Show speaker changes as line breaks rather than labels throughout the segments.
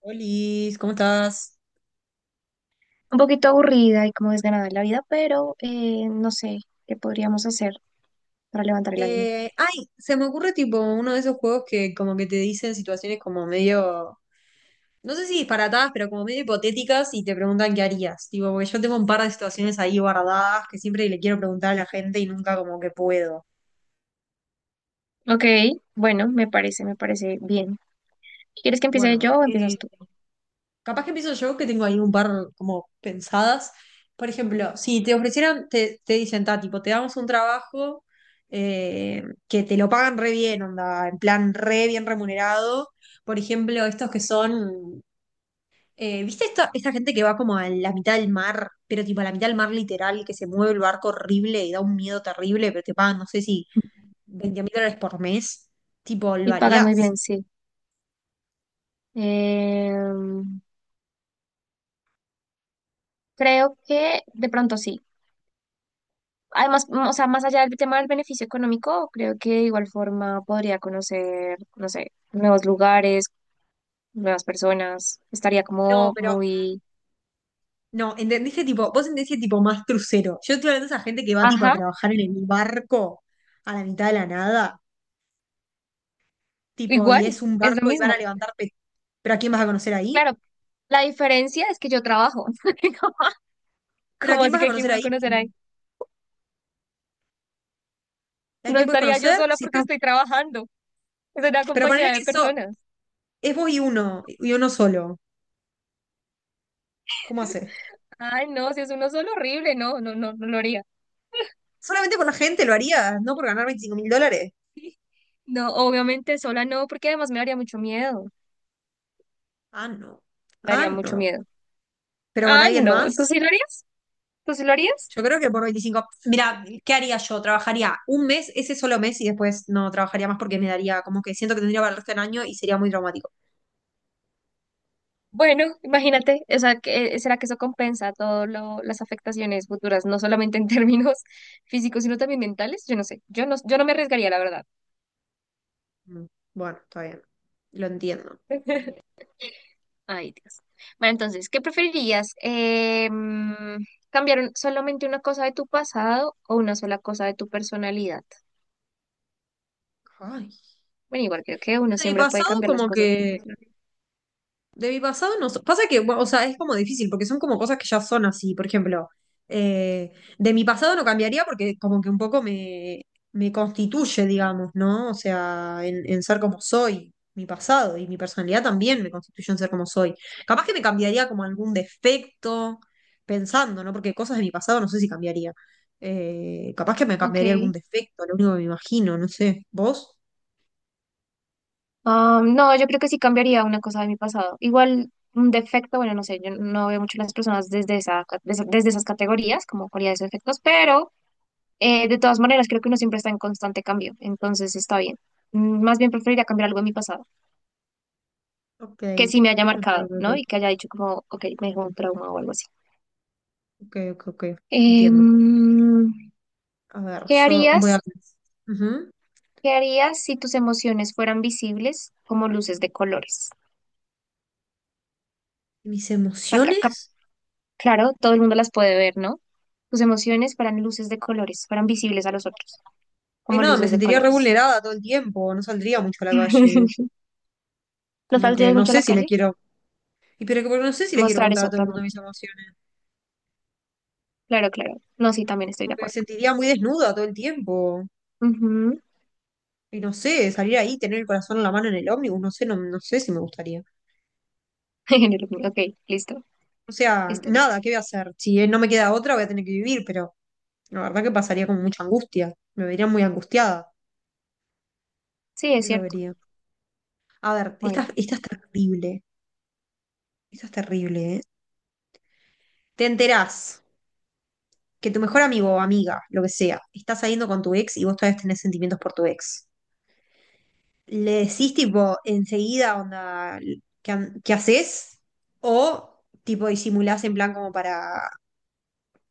Olis, ¿cómo estás?
Un poquito aburrida y como desganada en la vida, pero no sé qué podríamos hacer para levantar el ánimo.
Ay, se me ocurre tipo uno de esos juegos que como que te dicen situaciones como medio, no sé si disparatadas, pero como medio hipotéticas y te preguntan qué harías. Tipo, porque yo tengo un par de situaciones ahí guardadas que siempre le quiero preguntar a la gente y nunca como que puedo.
Ok, bueno, me parece bien. ¿Quieres que empiece
Bueno,
yo o empiezas tú?
capaz que empiezo yo, que tengo ahí un par como pensadas. Por ejemplo, si te ofrecieran, te dicen, ta, tipo, te damos un trabajo eh, que te lo pagan re bien, onda, en plan re bien remunerado. Por ejemplo, estos que son, ¿viste esta gente que va como a la mitad del mar, pero tipo a la mitad del mar literal, que se mueve el barco horrible y da un miedo terrible, pero te pagan, no sé si 20 mil dólares por mes? Tipo, lo
Y pagas muy bien,
harías.
sí. Em, Creo que de pronto sí. Además, o sea, más allá del tema del beneficio económico, creo que de igual forma podría conocer, no sé, nuevos lugares, nuevas personas. Estaría
No,
como
pero
muy,
no, entendiste tipo, vos entendiste tipo más crucero. Yo estoy hablando de esa gente que va tipo a
ajá,
trabajar en el barco a la mitad de la nada, tipo, y es
igual,
un
es lo
barco y van
mismo.
a levantar pe- ¿Pero a quién vas a conocer ahí?
Claro, la diferencia es que yo trabajo. Como
¿Pero a
¿cómo
quién
así
vas a
que quién
conocer
va a
ahí?
conocer ahí?
¿A
No
quién puedes
estaría yo
conocer?
sola
Si
porque
está...
estoy trabajando. Es una
Pero
compañía
ponerle
de
que eso
personas.
es vos y uno solo. ¿Cómo haces?
Ay, no, si es uno solo, horrible. No, no, no, no lo haría.
¿Solamente con la gente lo harías? ¿No por ganar $25.000?
No, obviamente sola no, porque además me daría mucho miedo.
Ah, no.
Me
Ah,
daría mucho
no.
miedo.
¿Pero con
Ah,
alguien
no, ¿tú
más?
sí lo harías? ¿Tú sí lo harías?
Yo creo que por veinticinco. Mira, ¿qué haría yo? Trabajaría un mes, ese solo mes, y después no trabajaría más porque me daría como que siento que tendría para el resto del año y sería muy traumático.
Bueno, imagínate, o sea, ¿será que eso compensa todas las afectaciones futuras, no solamente en términos físicos, sino también mentales? Yo no sé, yo no me arriesgaría, la verdad.
Mm, bueno, está bien. Lo entiendo.
Ay, Dios. Bueno, entonces, ¿qué preferirías? ¿Cambiar solamente una cosa de tu pasado o una sola cosa de tu personalidad?
Ay.
Bueno, igual creo que uno
Bueno, y
siempre puede
pasado
cambiar las
como
cosas de tu
que
personalidad.
de mi pasado no. Pasa que, bueno, o sea, es como difícil porque son como cosas que ya son así. Por ejemplo, eh, de mi pasado no cambiaría porque como que un poco me, me constituye, digamos, ¿no? O sea, en ser como soy, mi pasado y mi personalidad también me constituye en ser como soy. Capaz que me cambiaría como algún defecto, pensando, ¿no? Porque cosas de mi pasado no sé si cambiaría. Capaz que me cambiaría algún
Ok.
defecto, lo único que me imagino, no sé. ¿Vos?
Ah, no, yo creo que sí cambiaría una cosa de mi pasado. Igual un defecto, bueno, no sé, yo no veo mucho a las personas desde desde esas categorías, como cualidades o defectos, pero de todas maneras creo que uno siempre está en constante cambio, entonces está bien. Más bien preferiría cambiar algo de mi pasado,
Ok,
que sí me haya
ok,
marcado,
ok,
¿no? Y que
ok,
haya dicho como, ok, me dejó un trauma o algo así.
ok, ok, ok, entiendo.
Em,
A ver,
¿Qué
yo voy a...
harías?
Ujú.
¿Qué harías si tus emociones fueran visibles como luces de colores?
¿Mis
O sea,
emociones?
claro, todo el mundo las puede ver, ¿no? Tus emociones fueran luces de colores, fueran visibles a los otros,
Ay,
como
no, me
luces de
sentiría re
colores.
vulnerada todo el tiempo, no saldría mucho a la calle.
¿No
Como que
saldrías
no
mucho a
sé
la
si le
calle?
quiero... Y pero que porque no sé si le quiero
Mostrar
contar
eso
a
a
todo el
todo el
mundo
mundo.
mis emociones.
Claro, claro. No, sí, también estoy
Como
de
que me
acuerdo.
sentiría muy desnuda todo el tiempo.
Ujú.
Y no sé, salir ahí, tener el corazón en la mano en el ómnibus, no sé, no, no sé si me gustaría.
Género mío. Ok, listo,
O sea,
listo, listo.
nada, ¿qué voy a hacer? Si no me queda otra, voy a tener que vivir, pero la verdad que pasaría con mucha angustia. Me vería muy angustiada.
Sí, es
Eso
cierto.
vería. A ver, esta,
Bueno.
esta es terrible. Esta es terrible, ¿eh? Te enterás que tu mejor amigo o amiga, lo que sea, está saliendo con tu ex y vos todavía tenés sentimientos por tu ex. ¿Le decís tipo enseguida onda qué, qué haces? ¿O tipo disimulás en plan como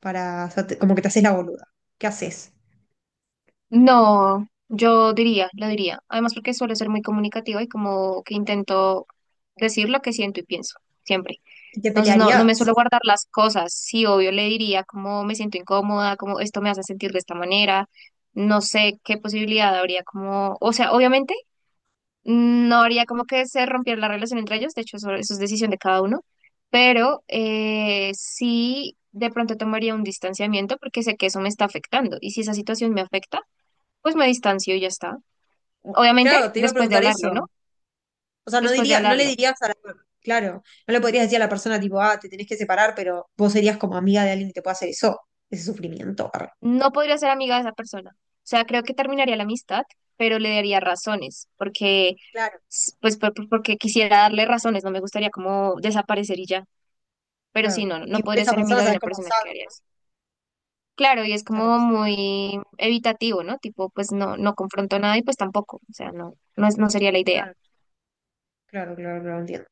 para como que te haces la boluda? ¿Qué haces?
No, yo diría, lo diría. Además, porque suelo ser muy comunicativa y como que intento decir lo que siento y pienso, siempre.
¿Y te
Entonces, no, no me
pelearías?
suelo guardar las cosas. Sí, obvio, le diría como me siento incómoda, como esto me hace sentir de esta manera. No sé qué posibilidad habría como, o sea, obviamente no habría como que se rompiera la relación entre ellos. De hecho, eso es decisión de cada uno. Pero sí, de pronto tomaría un distanciamiento porque sé que eso me está afectando. Y si esa situación me afecta, pues me distancio y ya está. Obviamente,
Claro, te iba a
después de
preguntar
hablarlo, ¿no?
eso. O sea, no
Después de
diría, no le
hablarlo.
dirías a la, claro, no le podrías decir a la persona tipo, ah, te tenés que separar, pero vos serías como amiga de alguien que te pueda hacer eso, ese sufrimiento. Arre.
No podría ser amiga de esa persona. O sea, creo que terminaría la amistad, pero le daría razones, porque,
Claro.
s- pues, por- porque quisiera darle razones, no me gustaría como desaparecer y ya. Pero sí,
Claro.
no, no
Igual
podría
esa
ser
persona,
amiga de
¿sabes
una
cómo
persona
sabe,
que haría
no?
eso. Claro, y es
Esa
como
persona.
muy evitativo, ¿no? Tipo, pues no, no confronto nada y pues tampoco. O sea, no sería la idea.
Claro, claro, claro, claro, entiendo.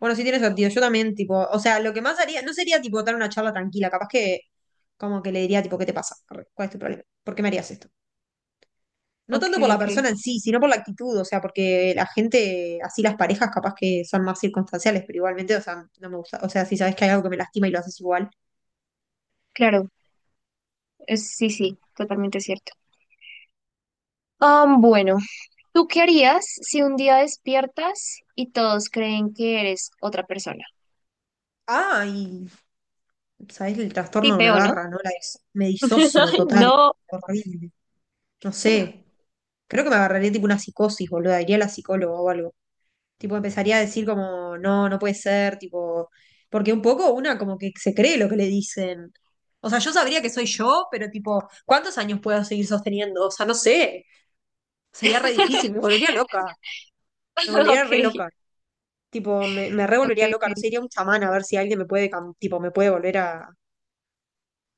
Bueno, sí tiene sentido. Yo también, tipo, o sea, lo que más haría, no sería tipo dar una charla tranquila, capaz que como que le diría, tipo, ¿qué te pasa? Arre, ¿cuál es tu problema? ¿Por qué me harías esto? No
Ok,
tanto por la
ok.
persona en sí, sino por la actitud, o sea, porque la gente, así las parejas capaz que son más circunstanciales, pero igualmente, o sea, no me gusta. O sea, si sabes que hay algo que me lastima y lo haces igual.
Claro, es, sí, sí, totalmente cierto. Ah, bueno. ¿Tú qué harías si un día despiertas y todos creen que eres otra persona?
Ah, y sabes el
Sí,
trastorno que me
feo, ¿no?
agarra, ¿no? La me disocio
Ay,
total.
no.
Horrible. No sé, creo que me agarraría tipo una psicosis, boludo, iría a la psicóloga o algo. Tipo, empezaría a decir como, no, no puede ser, tipo, porque un poco una como que se cree lo que le dicen. O sea, yo sabría que soy yo, pero tipo, ¿cuántos años puedo seguir sosteniendo? O sea, no sé, sería re difícil, me volvería loca, me volvería re
Ok,
loca. Tipo, me re
ok,
volvería loca, no sé,
ok.
iría a un chamán a ver si alguien me puede, tipo, me puede volver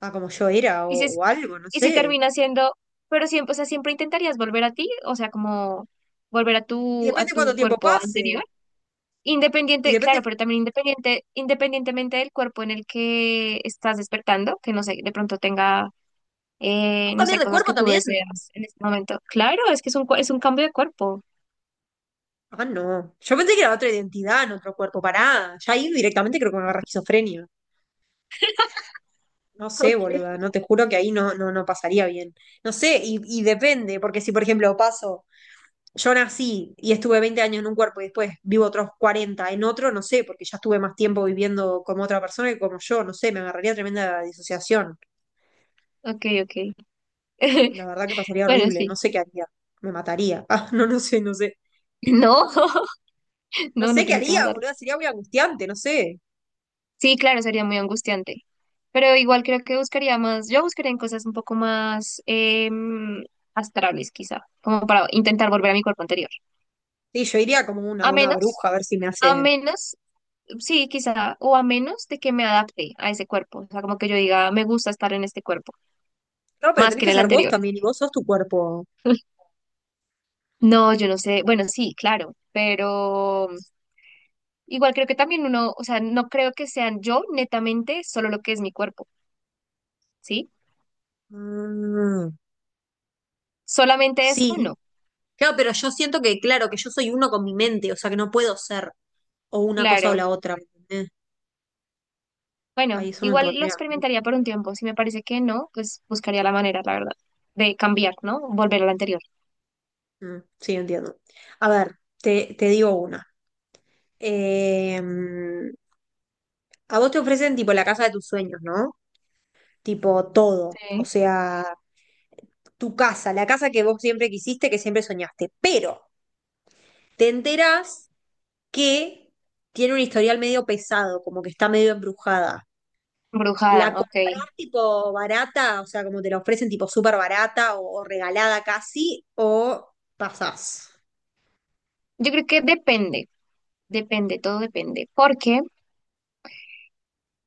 a como yo era
¿Y si, es-
o algo, no
¿y si
sé.
termina siendo, pero siempre, o sea, siempre intentarías volver a ti, o sea, como volver a
Y
a
depende cuánto
tu
tiempo
cuerpo
pase.
anterior?
Y
Independiente,
depende,
claro, pero también independientemente del cuerpo en el que estás despertando, que no sé, de pronto tenga,
¿puedo
no
cambiar
sé,
de
cosas
cuerpo
que tú
también?
deseas en este momento. Claro, es que es un, es un cambio de cuerpo.
Ah, no. Yo pensé que era otra identidad en otro cuerpo. Pará. Ya ahí directamente creo que me agarra esquizofrenia. No sé, boluda. No te juro que ahí no, no, no pasaría bien. No sé, y depende, porque si, por ejemplo, paso, yo nací y estuve 20 años en un cuerpo y después vivo otros 40 en otro, no sé, porque ya estuve más tiempo viviendo como otra persona que como yo. No sé, me agarraría tremenda disociación.
Ok, ok.
La verdad que pasaría
Bueno,
horrible.
sí.
No sé qué haría. Me mataría. Ah, no, no sé, no sé.
No,
No
no,
sé
no
qué
tienes que
haría,
matarlo.
boluda. Sería muy angustiante, no sé.
Sí, claro, sería muy angustiante. Pero igual creo que buscaría más, yo buscaría en cosas un poco más astrales, quizá, como para intentar volver a mi cuerpo anterior.
Sí, yo iría como una,
A
una
menos,
bruja a ver si me
a
hace.
menos, sí, quizá, o a menos de que me adapte a ese cuerpo. O sea, como que yo diga, me gusta estar en este cuerpo,
No, pero
más
tenés
que en
que
el
ser vos
anterior.
también y vos sos tu cuerpo.
No, yo no sé. Bueno, sí, claro, pero igual creo que también uno, o sea, no creo que sean yo netamente solo lo que es mi cuerpo, ¿sí?
Mm,
Solamente eso,
sí.
no,
Claro, pero yo siento que, claro, que yo soy uno con mi mente, o sea que no puedo ser o una cosa o
claro.
la otra. ¿Entendés? Ahí
Bueno,
eso me
igual lo
pondría.
experimentaría por un tiempo. Si me parece que no, pues buscaría la manera, la verdad, de cambiar, ¿no? Volver a la anterior.
Mm, mm, sí, entiendo. A ver, te digo una. Eh, a vos te ofrecen tipo la casa de tus sueños, ¿no? Tipo todo. O
Sí.
sea, tu casa, la casa que vos siempre quisiste, que siempre soñaste. Pero te enterás que tiene un historial medio pesado, como que está medio embrujada. La
Brujada, ok.
compras tipo barata, o sea, como te la ofrecen tipo súper barata o regalada casi, o pasás.
Yo creo que depende, depende, todo depende. Porque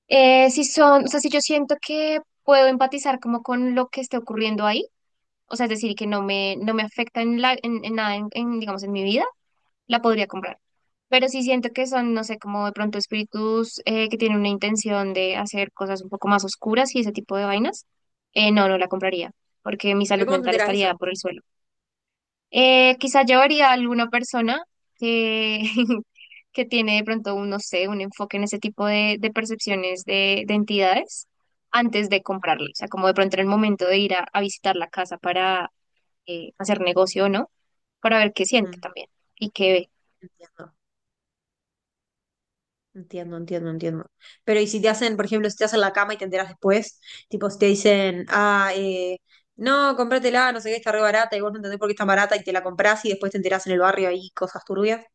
si son, o sea, si yo siento que puedo empatizar como con lo que esté ocurriendo ahí, o sea, es decir, que no me afecta en en nada, digamos, en mi vida, la podría comprar. Pero sí siento que son, no sé, como de pronto espíritus que tienen una intención de hacer cosas un poco más oscuras y ese tipo de vainas. No, no la compraría, porque mi salud
¿Pero cómo te
mental
enteras de
estaría
eso?
por el suelo. Quizá llevaría a alguna persona que, que tiene de pronto un, no sé, un enfoque en ese tipo de percepciones de entidades antes de comprarlo. O sea, como de pronto en el momento de ir a visitar la casa para hacer negocio o no, para ver qué siente
Mm,
también y qué ve.
entiendo, entiendo, entiendo, entiendo. Pero y si te hacen, por ejemplo, si te hacen la cama y te enteras después, tipo si te dicen, ah, no, cómpratela, no sé qué, está re barata y vos no entendés por qué está barata y te la comprás y después te enterás en el barrio ahí cosas turbias,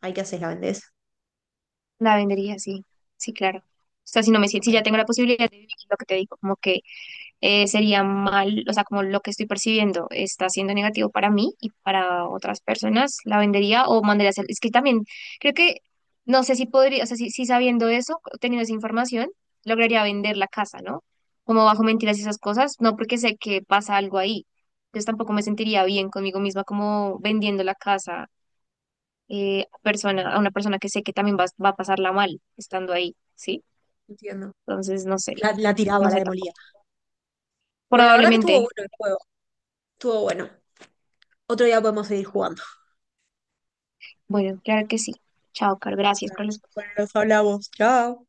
ahí qué haces, la vendés.
La vendería, sí, sí, claro. O sea, si no me siento,
Ok,
si ya tengo la posibilidad de vivir lo que te digo, como que sería mal, o sea, como lo que estoy percibiendo está siendo negativo para mí y para otras personas, la vendería o mandaría a hacer. Es que también creo que, no sé si podría, o sea, si sabiendo eso, teniendo esa información, lograría vender la casa, ¿no? Como bajo mentiras y esas cosas, no porque sé que pasa algo ahí. Entonces tampoco me sentiría bien conmigo misma como vendiendo la casa a una persona que sé que también va a pasarla mal estando ahí, ¿sí?
entiendo.
Entonces, no sé,
La tiraba,
no
la
sé
demolía.
tampoco.
Bueno, la verdad que estuvo
Probablemente,
bueno el juego. Estuvo bueno. Otro día podemos seguir jugando.
bueno, claro que sí. Chao, Carl, gracias
Dale.
por los
Bueno, nos hablamos. Chao.